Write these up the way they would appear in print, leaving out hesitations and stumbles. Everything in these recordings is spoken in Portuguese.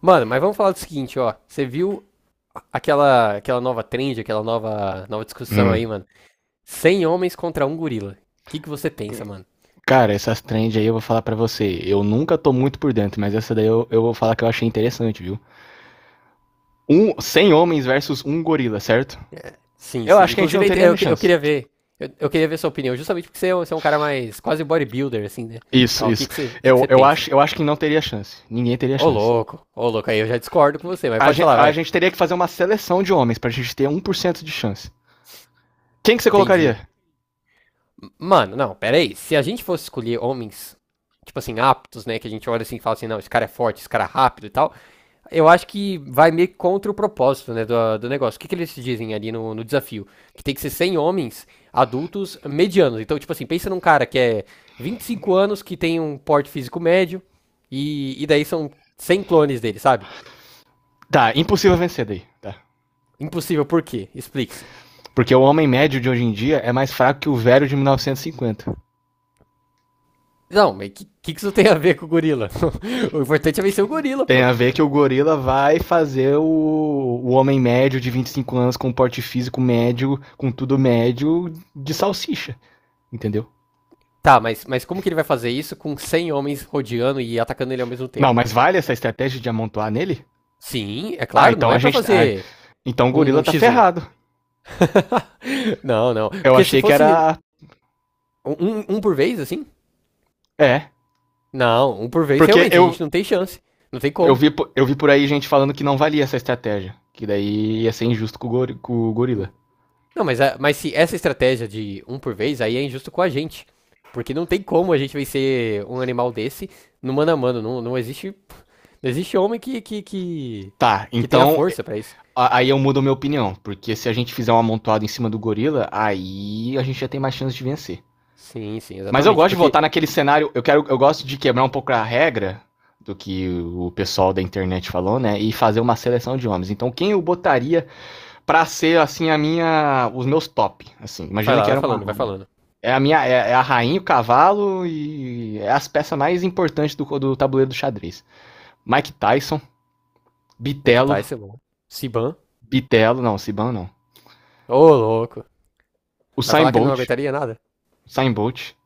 Mano, mas vamos falar do seguinte, ó. Você viu aquela nova trend, aquela nova discussão Hum. aí, mano? 100 homens contra um gorila. O que você pensa, mano? Cara, essas trends aí eu vou falar pra você. Eu nunca tô muito por dentro, mas essa daí eu vou falar que eu achei interessante, viu? 100 homens versus um gorila, certo? Sim, Eu sim. acho que a gente não Inclusive, teria eu, nem eu chance. queria ver. Eu queria ver sua opinião, justamente porque você é, você é um cara mais quase bodybuilder, assim, né? Isso, Tal, o que, isso. que, você, o que Eu, você eu, acho, pensa? eu acho que não teria chance. Ninguém teria chance. Ô, louco, aí eu já discordo com você, mas A pode gente, falar, a vai. gente teria que fazer uma seleção de homens pra gente ter 1% de chance. Quem que você Entendi. colocaria? Mano, não, pera aí. Se a gente fosse escolher homens, tipo assim, aptos, né? Que a gente olha assim e fala assim, não, esse cara é forte, esse cara é rápido e tal. Eu acho que vai meio que contra o propósito, né, do negócio. O que, que eles dizem ali no, no desafio? Que tem que ser 100 homens adultos medianos. Então, tipo assim, pensa num cara que é 25 anos, que tem um porte físico médio, e daí são 100 clones dele, sabe? Tá, impossível vencer daí. Tá. Impossível, por quê? Explique-se. Porque o homem médio de hoje em dia é mais fraco que o velho de 1950. Não, mas o que, que isso tem a ver com o gorila? O importante é vencer o gorila, Tem pô. a ver que o gorila vai fazer o homem médio de 25 anos com um porte físico médio, com tudo médio, de salsicha, entendeu? Tá, mas como que ele vai fazer isso com 100 homens rodeando e atacando ele ao mesmo Não, tempo? mas vale essa estratégia de amontoar nele? Sim, é Ah, claro, então não a é pra gente. tá, Ah, fazer então o um, gorila um tá X1. ferrado. Não, não. Eu Porque se achei que fosse era. um um por vez, assim? É. Não, um por vez, Porque realmente, a gente não tem chance. Não tem eu, como. vi, eu vi por aí gente falando que não valia essa estratégia. Que daí ia ser injusto com o gorila. Não, mas, mas se essa estratégia de um por vez, aí é injusto com a gente. Porque não tem como a gente vencer um animal desse no mano a mano. Não, não existe. Não existe homem Tá, que tenha então força pra isso. aí eu mudo a minha opinião. Porque se a gente fizer um amontoado em cima do gorila, aí a gente já tem mais chance de vencer. Sim, sim, Mas eu exatamente. gosto de Porque. voltar naquele cenário. Eu gosto de quebrar um pouco a regra do que o pessoal da internet falou, né? E fazer uma seleção de homens. Então, quem eu botaria pra ser assim os meus top, assim. Vai Imagina lá, que vai era uma, falando, vai falando. é a minha, é, é a rainha, o cavalo e é as peças mais importantes do tabuleiro do xadrez. Mike Tyson, Vai que Bitello. tá, esse bom. Siban. Bitello não, Siban não. Ô, louco. O Vai Usain falar que ele não Bolt, aguentaria nada? Usain Bolt,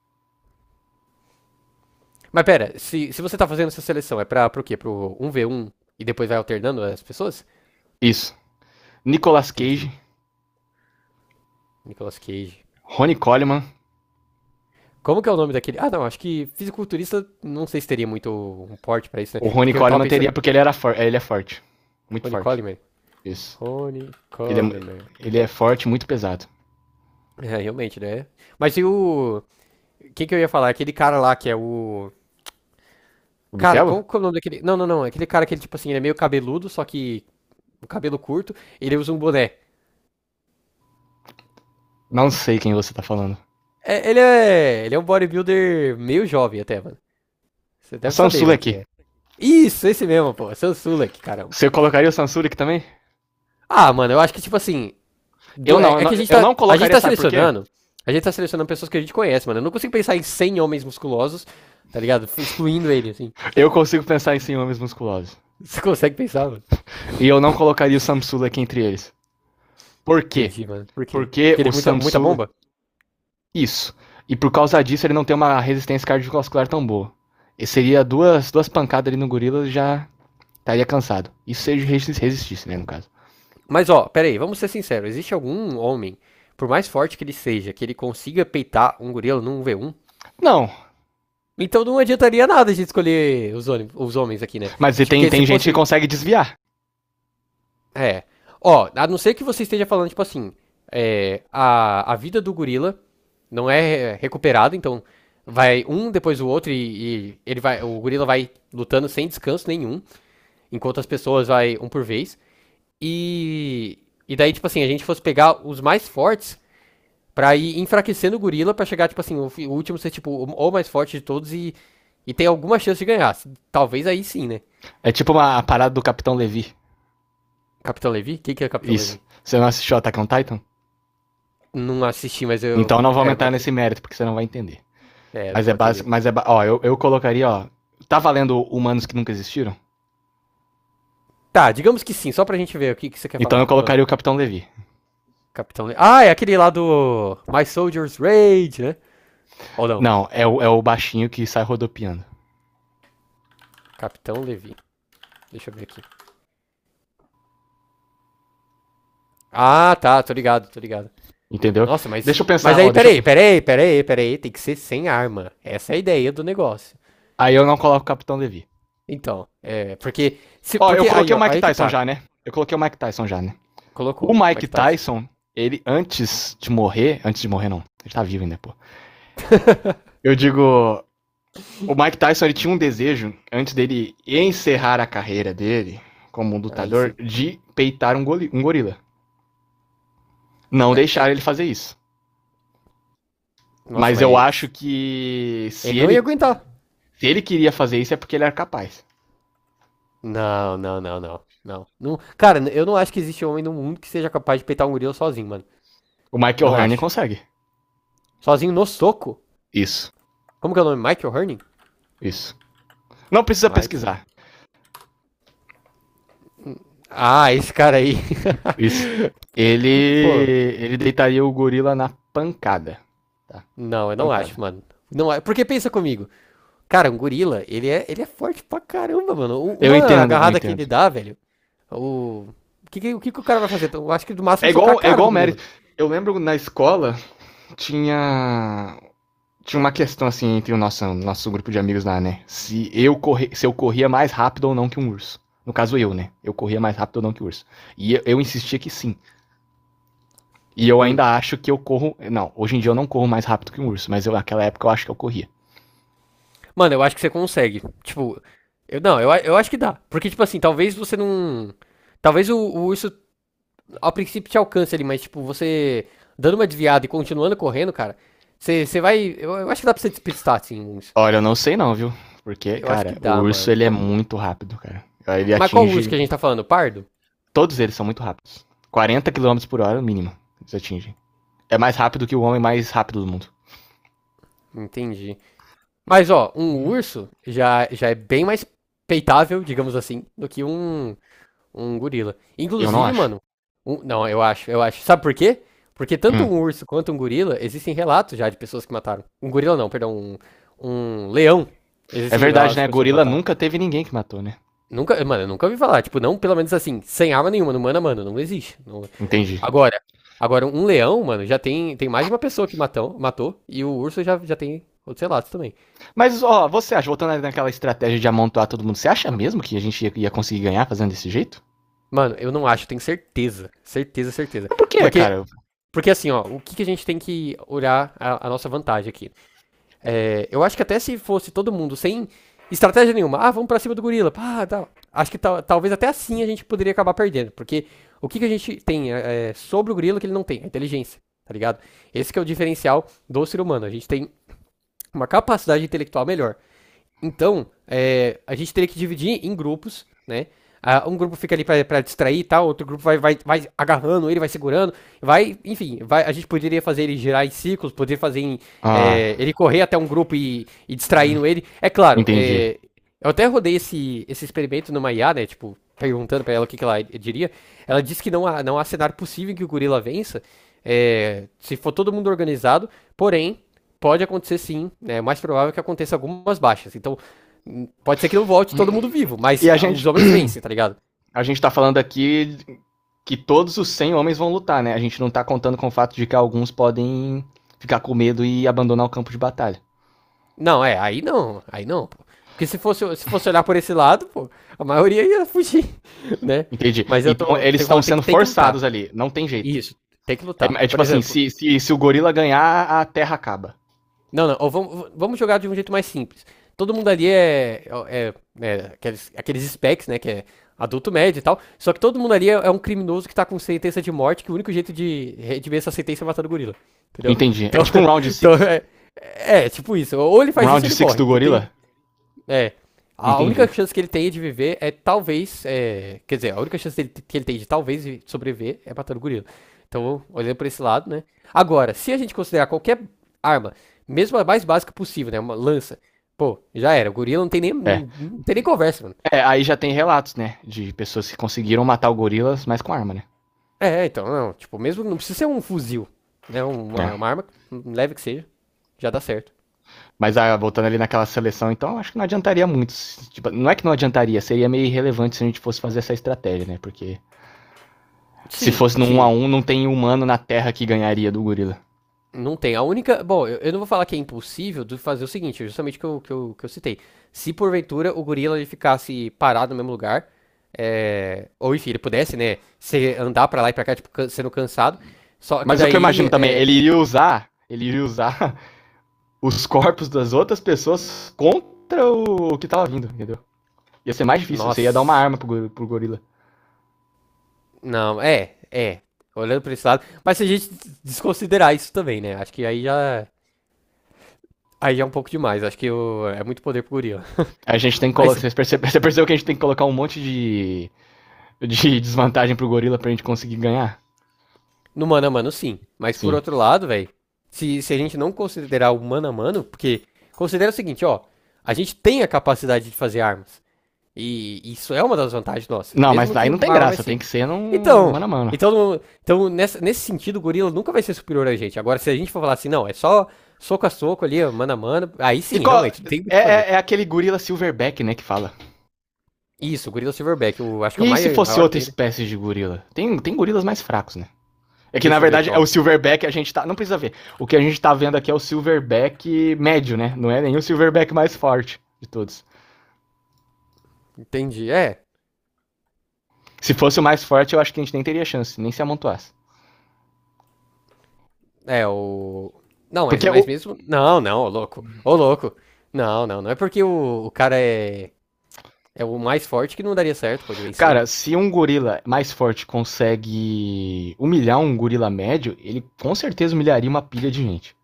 Mas pera, se você tá fazendo essa seleção, é pra, pro quê? Pro um v um e depois vai alternando as pessoas? isso. Nicolas Entendi. Cage, Nicolas Cage. Ronnie Coleman. Como que é o nome daquele? Ah, não, acho que fisiculturista, não sei se teria muito um porte pra isso, né? O Ronnie Porque eu tava Coleman pensando. teria porque ele é forte, muito Ronnie forte. Coleman. Isso. Ronnie Ele é, Coleman. ele é forte, muito pesado. É, realmente, né? Mas e o. Quem que eu ia falar? Aquele cara lá que é o. O Cara, Bitelo? qual que é o nome daquele. Não, não, não. Aquele cara que ele, tipo assim, ele é meio cabeludo, só que. O cabelo curto, ele usa um boné. Não sei quem você tá falando. É, ele é. Ele é um bodybuilder meio jovem até, mano. Você A deve saber, Sansula mano, quem aqui. é. Isso, esse mesmo, pô. Seu Sulek, caramba. Você colocaria o Sansula aqui também? Ah, mano, eu acho que, tipo assim. Eu É, não, é que a gente eu tá. não- A gente colocaria, tá sabe por quê? selecionando. A gente tá selecionando pessoas que a gente conhece, mano. Eu não consigo pensar em 100 homens musculosos, tá ligado? Excluindo ele, assim. Eu consigo pensar em ciúmes musculosos. Você consegue pensar, mano? E eu não colocaria o Samsula aqui entre eles. Por quê? Entendi, mano. Por quê? Porque Porque o ele é muita, muita Samsula. bomba? Isso. E por causa disso ele não tem uma resistência cardiovascular tão boa. E seria duas pancadas ali no gorila já estaria cansado. Isso se ele resistisse, né, no caso. Mas, ó, pera aí, vamos ser sinceros. Existe algum homem, por mais forte que ele seja, que ele consiga peitar um gorila num v um? Não, Então não adiantaria nada a gente escolher os, os homens aqui, né? mas e tem, Porque se tem gente que fosse. consegue desviar. É. Ó, a não ser que você esteja falando, tipo assim, é, a vida do gorila não é recuperada, então vai um depois o outro e ele vai, o gorila vai lutando sem descanso nenhum, enquanto as pessoas vai um por vez. E, e daí, tipo assim, a gente fosse pegar os mais fortes pra ir enfraquecendo o gorila pra chegar, tipo assim, o, o último ser, tipo, o mais forte de todos e ter alguma chance de ganhar. Talvez aí sim, né? É tipo uma parada do Capitão Levi. Capitão Levi? O que, que é Capitão Isso. Levi? Você não assistiu Attack on Titan? Não assisti, mas eu. Então não vou É, aumentar agora. nesse mérito, porque você não vai entender. É, não Mas é vou básico. atender. Ó, eu colocaria, ó. Tá valendo humanos que nunca existiram? Tá, digamos que sim, só pra gente ver o que, que você quer Então eu falar. Ah, colocaria o Capitão Levi. Capitão Levi. Ah, é aquele lá do My Soldier's Rage, né? Ou não? Não, é o baixinho que sai rodopiando. Capitão Levi. Deixa eu ver aqui. Ah, tá, tô ligado, tô ligado. Entendeu? Nossa, mas. Deixa eu Mas pensar, aí, ó, deixa eu. peraí, peraí, peraí, peraí. Tem que ser sem arma. Essa é a ideia do negócio. Aí eu não coloco o Capitão Levi. Então, é. Porque. Se, Ó, eu porque aí, coloquei o ó, Mike aí que Tyson tá. já, né? Eu coloquei o Mike Tyson já, né? O Colocou. Como é Mike que tá isso? Tyson, ele antes de morrer. Antes de morrer, não. Ele tá vivo ainda, pô. Eu digo. O Mike Tyson ele tinha um desejo, antes dele encerrar a carreira dele como um Aí lutador, sim. de peitar um gorila. Não É, é, deixaram ele fazer isso. nossa, Mas eu mas. acho que Ele se não ia ele, aguentar. se ele queria fazer isso é porque ele era capaz. Não, não, não, não, não. Cara, eu não acho que existe homem no mundo que seja capaz de peitar um gorila sozinho, mano. O Michael Não Hearn acho. consegue. Sozinho no soco? Isso, Como que é o nome? Michael Herning? isso. Não precisa Michael. pesquisar. Ah, esse cara aí. Isso. Ele, Pô, ele deitaria o gorila na pancada. Tá, não, na eu não pancada. acho, mano. Não, porque pensa comigo. Cara, um gorila, ele é forte pra caramba, mano. Eu Uma entendo, eu agarrada que entendo. ele dá, velho. O, o que, o que que o cara vai fazer? Eu acho que no máximo É socar a igual, é cara igual do o gorila. mérito. Eu lembro na escola tinha tinha uma questão assim entre o nosso grupo de amigos lá, né? Se eu corria mais rápido ou não que um urso. No caso eu, né? Eu corria mais rápido ou não que o urso. E eu insistia que sim. E eu Hum. ainda acho que eu corro. Não, hoje em dia eu não corro mais rápido que um urso, mas eu, naquela época eu acho que eu corria. Mano, eu acho que você consegue. Tipo, eu não, eu, eu acho que dá. Porque, tipo assim, talvez você não. Talvez o isso ao princípio te alcance ali, mas, tipo, você dando uma desviada e continuando correndo, cara, você, você vai. Eu acho que dá pra você despistar, assim, o. Olha, eu não sei não, viu? Porque, Eu acho que cara, o dá, urso mano. ele é muito rápido, cara. Ele Mas qual urso que atinge. a gente tá falando? Pardo? Todos eles são muito rápidos. 40 km por hora, mínimo. Eles atingem. É mais rápido que o homem mais rápido do mundo. Entendi. Mas, ó, um urso já, já é bem mais peitável, digamos assim, do que um. Um gorila. Eu não Inclusive, acho. mano, não, eu acho, eu acho. Sabe por quê? Porque tanto Hum. um urso quanto um gorila, existem relatos já de pessoas que mataram. Um gorila não, perdão, um leão. É Existem verdade, relatos de né? pessoas que Gorila mataram. nunca teve ninguém que matou, né? Nunca, mano, eu nunca ouvi falar, tipo, não, pelo menos assim, sem arma nenhuma, no mano a mano, não existe. Não- Entendi. Agora, agora um leão, mano, já tem, tem mais de uma pessoa que matou, matou e o urso já, já tem outros relatos também. Mas, ó, você acha, voltando ali naquela estratégia de amontoar todo mundo, você acha mesmo que a gente ia- conseguir ganhar fazendo desse jeito? Mano, eu não acho, tenho certeza, certeza, certeza. Mas por quê, Porque cara? porque assim, ó, o que que a gente tem que olhar a nossa vantagem aqui? É, eu acho que até se fosse todo mundo sem estratégia nenhuma, ah, vamos pra cima do gorila, pá, tal. Acho que talvez até assim a gente poderia acabar perdendo, porque o que, que a gente tem é, é sobre o gorila que ele não tem? A inteligência, tá ligado? Esse que é o diferencial do ser humano, a gente tem uma capacidade intelectual melhor. Então, é, a gente teria que dividir em grupos, né? Ah, um grupo fica ali para distrair e tal, outro grupo vai, vai, vai agarrando ele, vai segurando, vai, enfim, vai, a gente poderia fazer ele girar em ciclos, poderia fazer em, Ah, é, ele correr até um grupo e distraindo ele. É claro, entendi. é, eu até rodei esse, esse experimento numa IA, né? Tipo, perguntando pra ela o que, que ela diria. Ela disse que não há, não há cenário possível em que o gorila vença, é, se for todo mundo organizado, porém, pode acontecer sim, né? É mais provável que aconteça algumas baixas. Então, pode ser que não volte todo mundo vivo, mas E a ah, gente, os homens vencem, tá ligado? a gente tá falando aqui que todos os 100 homens vão lutar, né? A gente não tá contando com o fato de que alguns podem ficar com medo e abandonar o campo de batalha. Não, é, aí não, pô. Porque se fosse, se fosse olhar por esse lado, pô, a maioria ia fugir, né? Entendi. Mas eu Então tô, eles tem que estão falar, sendo tem que forçados lutar. ali, não tem jeito. Isso, tem que lutar. É, Por tipo assim, exemplo, se o gorila ganhar, a terra acaba. não, não. Ou vamos, vamos jogar de um jeito mais simples. Todo mundo ali é, é, é aqueles, aqueles specs, né? Que é adulto médio e tal. Só que todo mundo ali é, é um criminoso que tá com sentença de morte, que o único jeito de redimir essa sentença é matando o gorila. Entendeu? Entendi. É Então, tipo um round então six? é, é, tipo isso. Ou ele Um faz round isso ou ele six morre. do Não gorila? tem, é. A única Entendi. chance que ele tem de viver é talvez. É, quer dizer, a única chance que ele tem de talvez sobreviver é matando o gorila. Então, olhando pra esse lado, né? Agora, se a gente considerar qualquer arma, mesmo a mais básica possível, né? Uma lança, pô, já era. O gorila não tem nem, É. não tem nem conversa, mano. É, aí já tem relatos, né? De pessoas que conseguiram matar o gorilas, mas com arma, né? É, é, então, não. Tipo, mesmo não precisa ser um fuzil, né? É. Uma arma leve que seja, já dá certo. Mas ah, voltando ali naquela seleção, então acho que não adiantaria muito. Tipo, não é que não adiantaria, seria meio irrelevante se a gente fosse fazer essa estratégia, né? Porque se Sim, fosse num 1 a sim. um não tem humano na Terra que ganharia do gorila. Não tem. A única. Bom, eu não vou falar que é impossível de fazer o seguinte, justamente que eu, que eu, que eu citei. Se porventura o gorila ele ficasse parado no mesmo lugar, é, ou enfim, ele pudesse, né, se andar pra lá e pra cá, tipo, sendo cansado. Só que Mas o que eu daí, imagino também, é, ele iria usar os corpos das outras pessoas contra o que tava vindo, entendeu? Ia ser mais difícil, você ia dar uma nossa, arma pro gorila. não, é, é, olhando pra esse lado. Mas se a gente desconsiderar isso também, né, acho que aí já é um pouco demais. Acho que é muito poder pro gorila. A gente tem que Mas. colocar, vocês perce- Você percebeu que a gente tem que colocar um monte de desvantagem pro gorila pra gente conseguir ganhar. No mano a mano, sim. Mas por Sim. outro lado, velho, se a gente não considerar o mano a mano, porque considera o seguinte, ó, a gente tem a capacidade de fazer armas. E isso é uma das vantagens nossas, Não, mas mesmo aí que não tem uma arma mais graça, tem que simples. ser no Então, mano a mano. então, então nesse sentido, o gorila nunca vai ser superior a gente. Agora, se a gente for falar assim, não, é só soco a soco ali, ó, mano a mano, aí E sim, qual, realmente, não tem muito é, o que fazer. é, é aquele gorila silverback, né, que fala. Isso, o gorila silverback, eu acho que é o E se fosse maior que outra tem, né? espécie de gorila? Tem gorilas mais fracos, né? É que na Deixa eu ver aqui, verdade é ó. o silverback a gente tá. Não precisa ver. O que a gente tá vendo aqui é o silverback médio, né? Não é nenhum silverback mais forte de todos. Entendi. É. Se fosse o mais forte, eu acho que a gente nem teria chance, nem se amontoasse. É, o. Não, Porque o, mas mesmo. Não, não, ô louco. Ô louco. Não, não, não é porque o cara é, é o mais forte que não daria certo, pode vencer. Cara, se um gorila mais forte consegue humilhar um gorila médio, ele com certeza humilharia uma pilha de gente.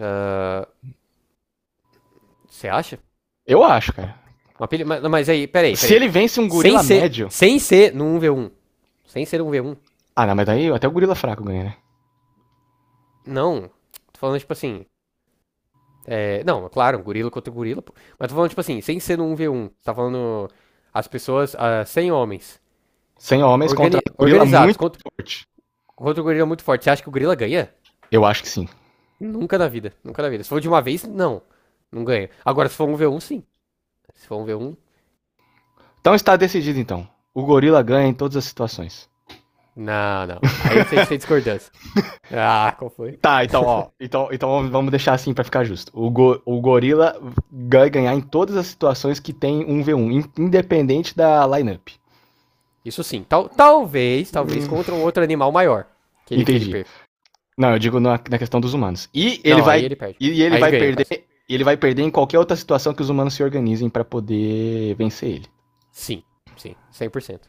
Ah, você acha? Eu acho, cara. Uma pilha... mas aí, peraí, Se peraí. ele vence um Sem gorila ser. médio. Sem ser no um v um. Sem ser um v um. Ah, não, mas daí até o gorila fraco ganha, né? Não. Tô falando, tipo assim. É... Não, é claro, um gorila contra um gorila, pô. Mas tô falando, tipo assim, sem ser no 1 v um tá falando. As pessoas. Ah, 100 homens. 100 homens contra Organi... um gorila Organizados. muito Contra... forte. contra o gorila muito forte. Você acha que o gorila ganha? Eu acho que sim. Nunca na vida, nunca na vida. Se for de uma vez, não. Não ganha. Agora, se for um v um sim. Se for um v um Então está decidido, então. O gorila ganha em todas as situações. não, não. Aí a gente tem discordância. Ah, qual foi? Tá, então, ó. Então, vamos deixar assim pra ficar justo. O gorila vai ganhar em todas as situações que tem 1v1, independente da lineup. Isso sim. Tal, talvez, talvez Hum. contra um outro animal maior que ele Entendi. perca. Não, eu digo na questão dos humanos. E ele Não, aí vai ele perde. e ele Aí ele vai ganha, no perder, caso. ele vai perder em qualquer outra situação que os humanos se organizem pra poder vencer ele. Sim, sim, 100%